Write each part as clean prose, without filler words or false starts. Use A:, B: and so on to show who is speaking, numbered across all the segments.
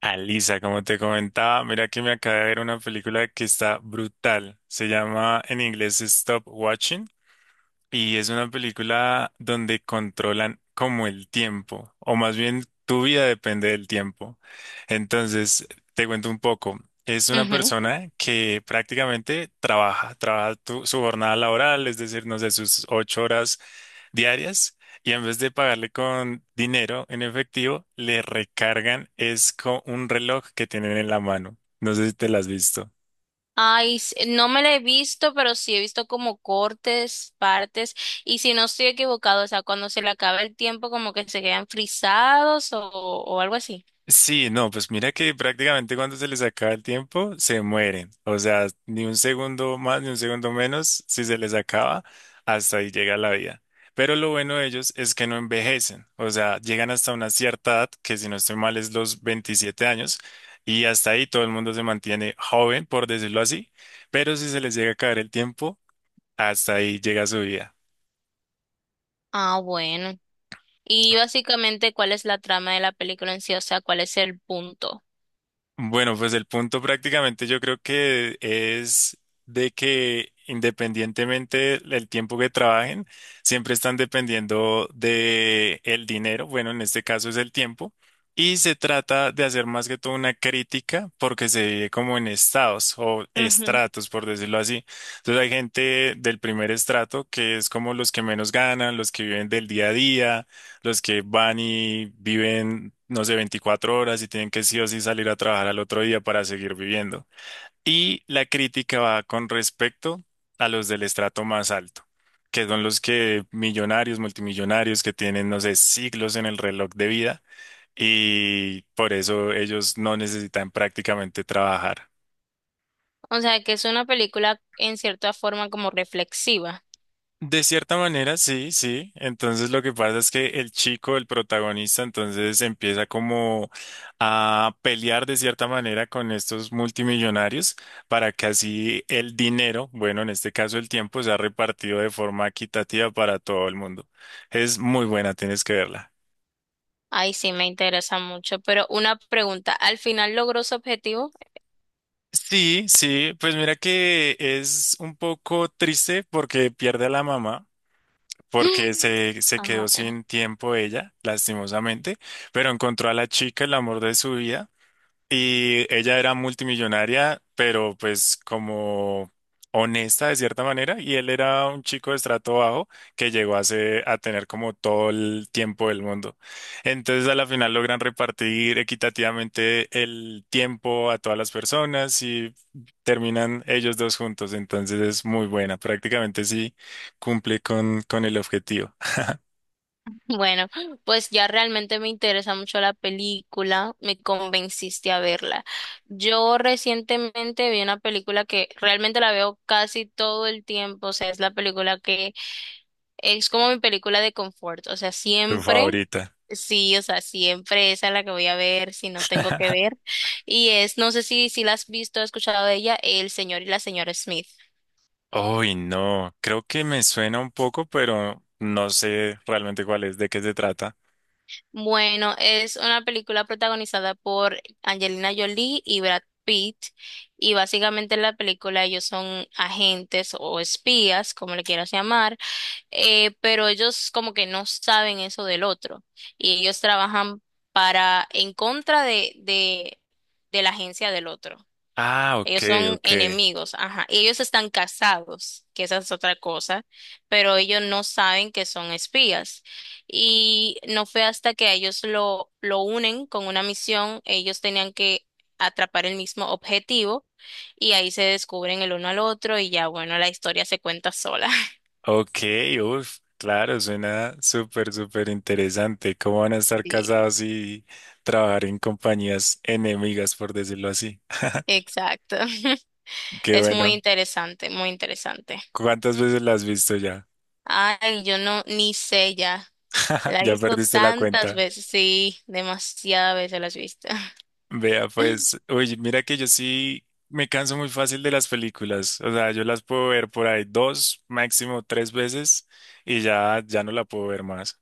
A: Alisa, como te comentaba, mira que me acabé de ver una película que está brutal. Se llama en inglés Stop Watching. Y es una película donde controlan como el tiempo, o más bien tu vida depende del tiempo. Entonces, te cuento un poco. Es una
B: Ujú.
A: persona que prácticamente su jornada laboral, es decir, no sé, sus 8 horas diarias, y en vez de pagarle con dinero en efectivo, le recargan es con un reloj que tienen en la mano. No sé si te lo has visto.
B: Ay, no me la he visto, pero sí he visto como cortes, partes, y si no estoy equivocado, o sea, cuando se le acaba el tiempo, como que se quedan frisados o algo así.
A: Sí, no, pues mira que prácticamente cuando se les acaba el tiempo, se mueren. O sea, ni un segundo más, ni un segundo menos, si se les acaba, hasta ahí llega la vida. Pero lo bueno de ellos es que no envejecen. O sea, llegan hasta una cierta edad, que si no estoy mal es los 27 años, y hasta ahí todo el mundo se mantiene joven, por decirlo así. Pero si se les llega a acabar el tiempo, hasta ahí llega su vida.
B: Ah, bueno. Y básicamente, ¿cuál es la trama de la película en sí? O sea, ¿cuál es el punto?
A: Bueno, pues el punto prácticamente yo creo que es de que independientemente del tiempo que trabajen, siempre están dependiendo de el dinero, bueno, en este caso es el tiempo, y se trata de hacer más que todo una crítica porque se vive como en estados o
B: Ujú.
A: estratos, por decirlo así. Entonces hay gente del primer estrato que es como los que menos ganan, los que viven del día a día, los que van y viven, no sé, 24 horas y tienen que sí o sí salir a trabajar al otro día para seguir viviendo. Y la crítica va con respecto a los del estrato más alto, que son los que millonarios, multimillonarios, que tienen, no sé, siglos en el reloj de vida y por eso ellos no necesitan prácticamente trabajar.
B: O sea, que es una película en cierta forma como reflexiva.
A: De cierta manera, sí, sí. Entonces lo que pasa es que el chico, el protagonista, entonces empieza como a pelear de cierta manera con estos multimillonarios para que así el dinero, bueno, en este caso el tiempo, sea repartido de forma equitativa para todo el mundo. Es muy buena, tienes que verla.
B: Ay, sí, me interesa mucho, pero una pregunta, ¿al final logró su objetivo?
A: Sí, sí, pues mira que es un poco triste porque pierde a la mamá. Porque se quedó
B: Ah.
A: sin tiempo ella, lastimosamente, pero encontró a la chica, el amor de su vida. Y ella era multimillonaria, pero pues como honesta de cierta manera, y él era un chico de estrato bajo que llegó a tener como todo el tiempo del mundo. Entonces a la final logran repartir equitativamente el tiempo a todas las personas y terminan ellos dos juntos. Entonces es muy buena, prácticamente sí cumple con el objetivo.
B: Bueno, pues ya realmente me interesa mucho la película, me convenciste a verla. Yo recientemente vi una película que realmente la veo casi todo el tiempo, o sea, es la película que es como mi película de confort, o sea,
A: Tu
B: siempre,
A: favorita.
B: sí, o sea, siempre esa es la que voy a ver si no tengo que ver. Y es, no sé si la has visto, has escuchado de ella, El señor y la señora Smith.
A: Uy, no, creo que me suena un poco, pero no sé realmente cuál es, de qué se trata.
B: Bueno, es una película protagonizada por Angelina Jolie y Brad Pitt y básicamente en la película ellos son agentes o espías, como le quieras llamar, pero ellos como que no saben eso del otro y ellos trabajan para en contra de la agencia del otro.
A: Ah, ok,
B: Ellos son
A: ok.
B: enemigos, ajá. Y ellos están casados, que esa es otra cosa, pero ellos no saben que son espías. Y no fue hasta que a ellos lo unen con una misión, ellos tenían que atrapar el mismo objetivo y ahí se descubren el uno al otro y ya, bueno, la historia se cuenta sola.
A: Ok, uff, claro, suena súper, súper interesante. ¿Cómo van a estar
B: Sí,
A: casados y trabajar en compañías enemigas, por decirlo así?
B: exacto.
A: Qué
B: Es muy
A: bueno.
B: interesante, muy interesante.
A: ¿Cuántas veces las has visto ya?
B: Ay, yo no, ni sé ya. La he
A: Ya
B: visto
A: perdiste la
B: tantas
A: cuenta.
B: veces, sí, demasiadas veces la he visto.
A: Vea, pues, oye, mira que yo sí me canso muy fácil de las películas. O sea, yo las puedo ver por ahí 2, máximo 3 veces y ya, ya no la puedo ver más.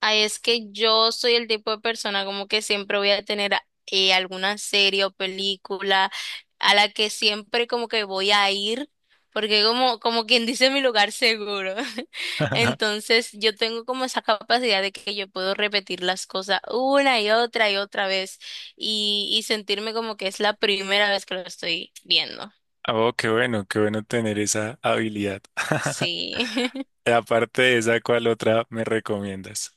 B: Ay, es que yo soy el tipo de persona como que siempre voy a tener alguna serie o película a la que siempre como que voy a ir, porque como, como quien dice mi lugar seguro. Entonces yo tengo como esa capacidad de que yo puedo repetir las cosas una y otra vez y sentirme como que es la primera vez que lo estoy viendo.
A: Oh, qué bueno tener esa habilidad.
B: Sí.
A: Aparte de esa, ¿cuál otra me recomiendas?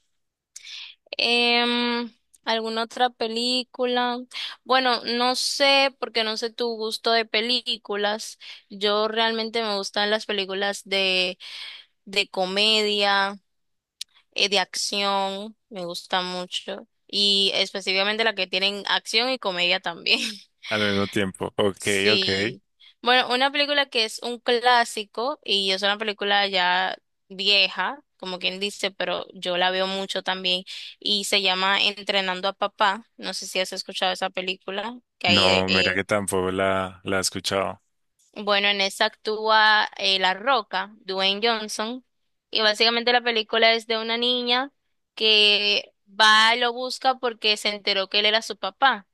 B: Em, ¿Alguna otra película? Bueno, no sé, porque no sé tu gusto de películas. Yo realmente me gustan las películas de comedia, de acción, me gusta mucho. Y específicamente las que tienen acción y comedia también.
A: Al mismo tiempo. Ok, ok.
B: Sí. Bueno, una película que es un clásico y es una película ya vieja, como quien dice, pero yo la veo mucho también y se llama Entrenando a Papá. No sé si has escuchado esa película, que ahí,
A: No, mira que tampoco la he escuchado.
B: bueno, en esa actúa La Roca, Dwayne Johnson, y básicamente la película es de una niña que va y lo busca porque se enteró que él era su papá.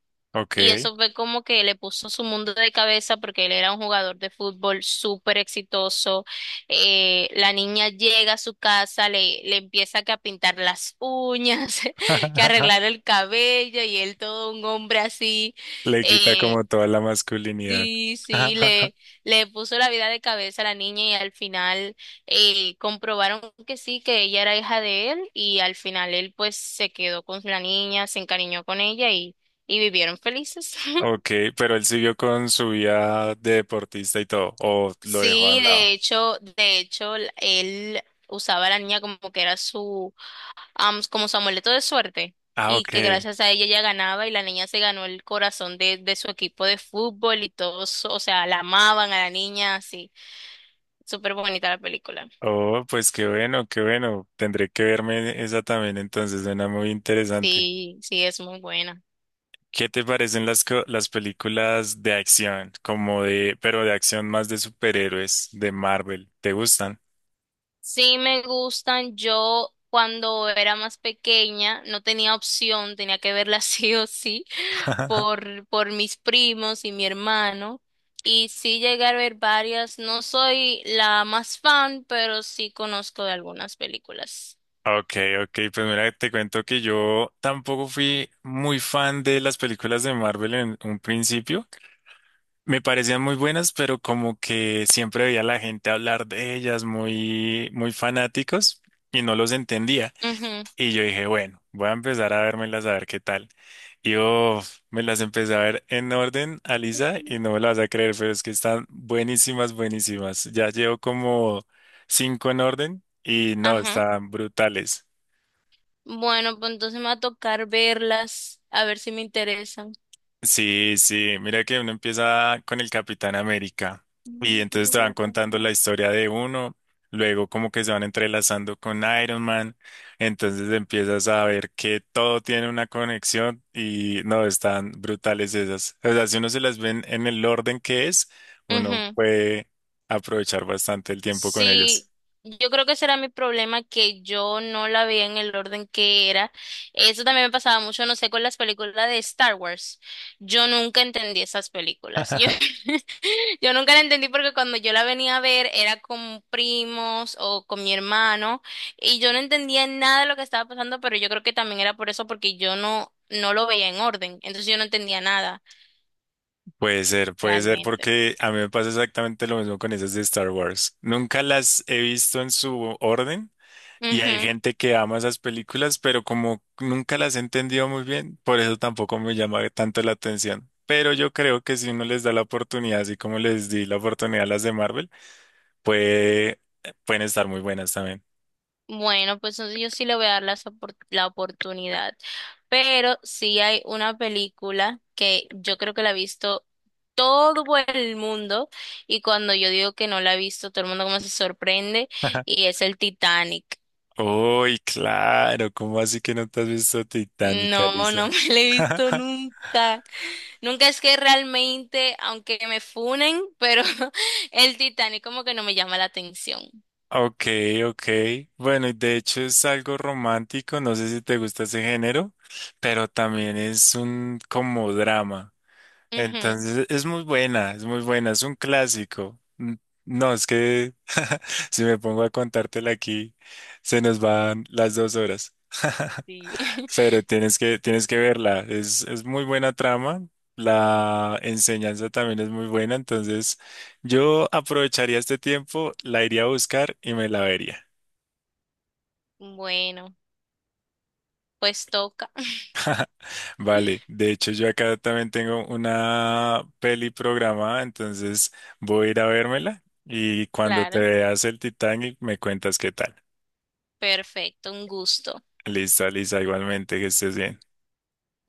B: Y
A: Ok.
B: eso fue como que le puso su mundo de cabeza porque él era un jugador de fútbol súper exitoso. La niña llega a su casa, le empieza que a pintar las uñas, que a arreglar el cabello y él todo un hombre así.
A: Le quita
B: Eh,
A: como toda la masculinidad.
B: sí, sí, le puso la vida de cabeza a la niña y al final comprobaron que sí, que ella era hija de él y al final él pues se quedó con la niña, se encariñó con ella y vivieron felices.
A: Ok, pero él siguió con su vida de deportista y todo, o lo dejó a
B: Sí,
A: un lado.
B: de hecho, él usaba a la niña como que era su, como su amuleto de suerte
A: Ah,
B: y
A: ok.
B: que gracias a ella ella ganaba y la niña se ganó el corazón de su equipo de fútbol y todos, o sea, la amaban a la niña, así, súper bonita la película.
A: Oh, pues qué bueno, qué bueno. Tendré que verme esa también, entonces suena muy interesante.
B: Sí, sí, es muy buena.
A: ¿Qué te parecen las películas de acción? Como de, pero de acción más de superhéroes, de Marvel. ¿Te gustan?
B: Sí me gustan. Yo cuando era más pequeña no tenía opción, tenía que verla sí o sí por mis primos y mi hermano. Y sí llegué a ver varias. No soy la más fan, pero sí conozco de algunas películas.
A: Ok, ok, pues mira, te cuento que yo tampoco fui muy fan de las películas de Marvel en un principio. Me parecían muy buenas, pero como que siempre veía a la gente hablar de ellas muy fanáticos y no los entendía.
B: Ujú.
A: Y yo dije, bueno, voy a empezar a vérmelas a ver qué tal. Y oh, me las empecé a ver en orden, Alisa, y no me las vas a creer, pero es que están buenísimas, buenísimas. Ya llevo como 5 en orden y no,
B: Ajá.
A: están brutales.
B: Bueno, pues entonces me va a tocar verlas, a ver si me interesan.
A: Sí, sí, mira que uno empieza con el Capitán América y
B: No, yo
A: entonces
B: lo
A: te
B: voy
A: van
B: a
A: contando
B: comprar.
A: la historia de uno, luego como que se van entrelazando con Iron Man, entonces empiezas a ver que todo tiene una conexión y no, están brutales esas. O sea, si uno se las ven en el orden que es, uno
B: Ujú.
A: puede aprovechar bastante el tiempo con ellas.
B: Sí, yo creo que ese era mi problema, que yo no la veía en el orden que era. Eso también me pasaba mucho, no sé, con las películas de Star Wars. Yo nunca entendí esas películas. Yo, yo nunca la entendí porque cuando yo la venía a ver era con primos o con mi hermano y yo no entendía nada de lo que estaba pasando, pero yo creo que también era por eso, porque yo no lo veía en orden. Entonces yo no entendía nada
A: Puede ser,
B: realmente.
A: porque a mí me pasa exactamente lo mismo con esas de Star Wars. Nunca las he visto en su orden. Y hay gente que ama esas películas, pero como nunca las he entendido muy bien, por eso tampoco me llama tanto la atención. Pero yo creo que si uno les da la oportunidad, así como les di la oportunidad a las de Marvel, puede, pueden estar muy buenas también.
B: Bueno, pues entonces yo sí le voy a dar las oportunidad. Pero sí hay una película que yo creo que la ha visto todo el mundo y cuando yo digo que no la ha visto, todo el mundo como se sorprende y es el Titanic.
A: Uy, claro, ¿cómo así que no te has visto Titanic,
B: No,
A: Lisa?
B: no me la he visto nunca. Nunca es que realmente, aunque me funen, pero el Titanic como que no me llama la atención.
A: Ok, ok. Bueno, y de hecho es algo romántico, no sé si te gusta ese género, pero también es un como drama.
B: Ujú.
A: Entonces es muy buena, es muy buena, es un clásico. N- No, es que si me pongo a contártela aquí, se nos van las 2 horas.
B: Sí.
A: Pero tienes que verla, es muy buena trama, la enseñanza también es muy buena, entonces yo aprovecharía este tiempo, la iría a buscar y me la vería.
B: Bueno, pues toca.
A: Vale, de hecho yo acá también tengo una peli programada, entonces voy a ir a vérmela y cuando te
B: Claro.
A: veas el Titanic me cuentas qué tal.
B: Perfecto, un gusto.
A: Listo, Lisa, igualmente que estés bien.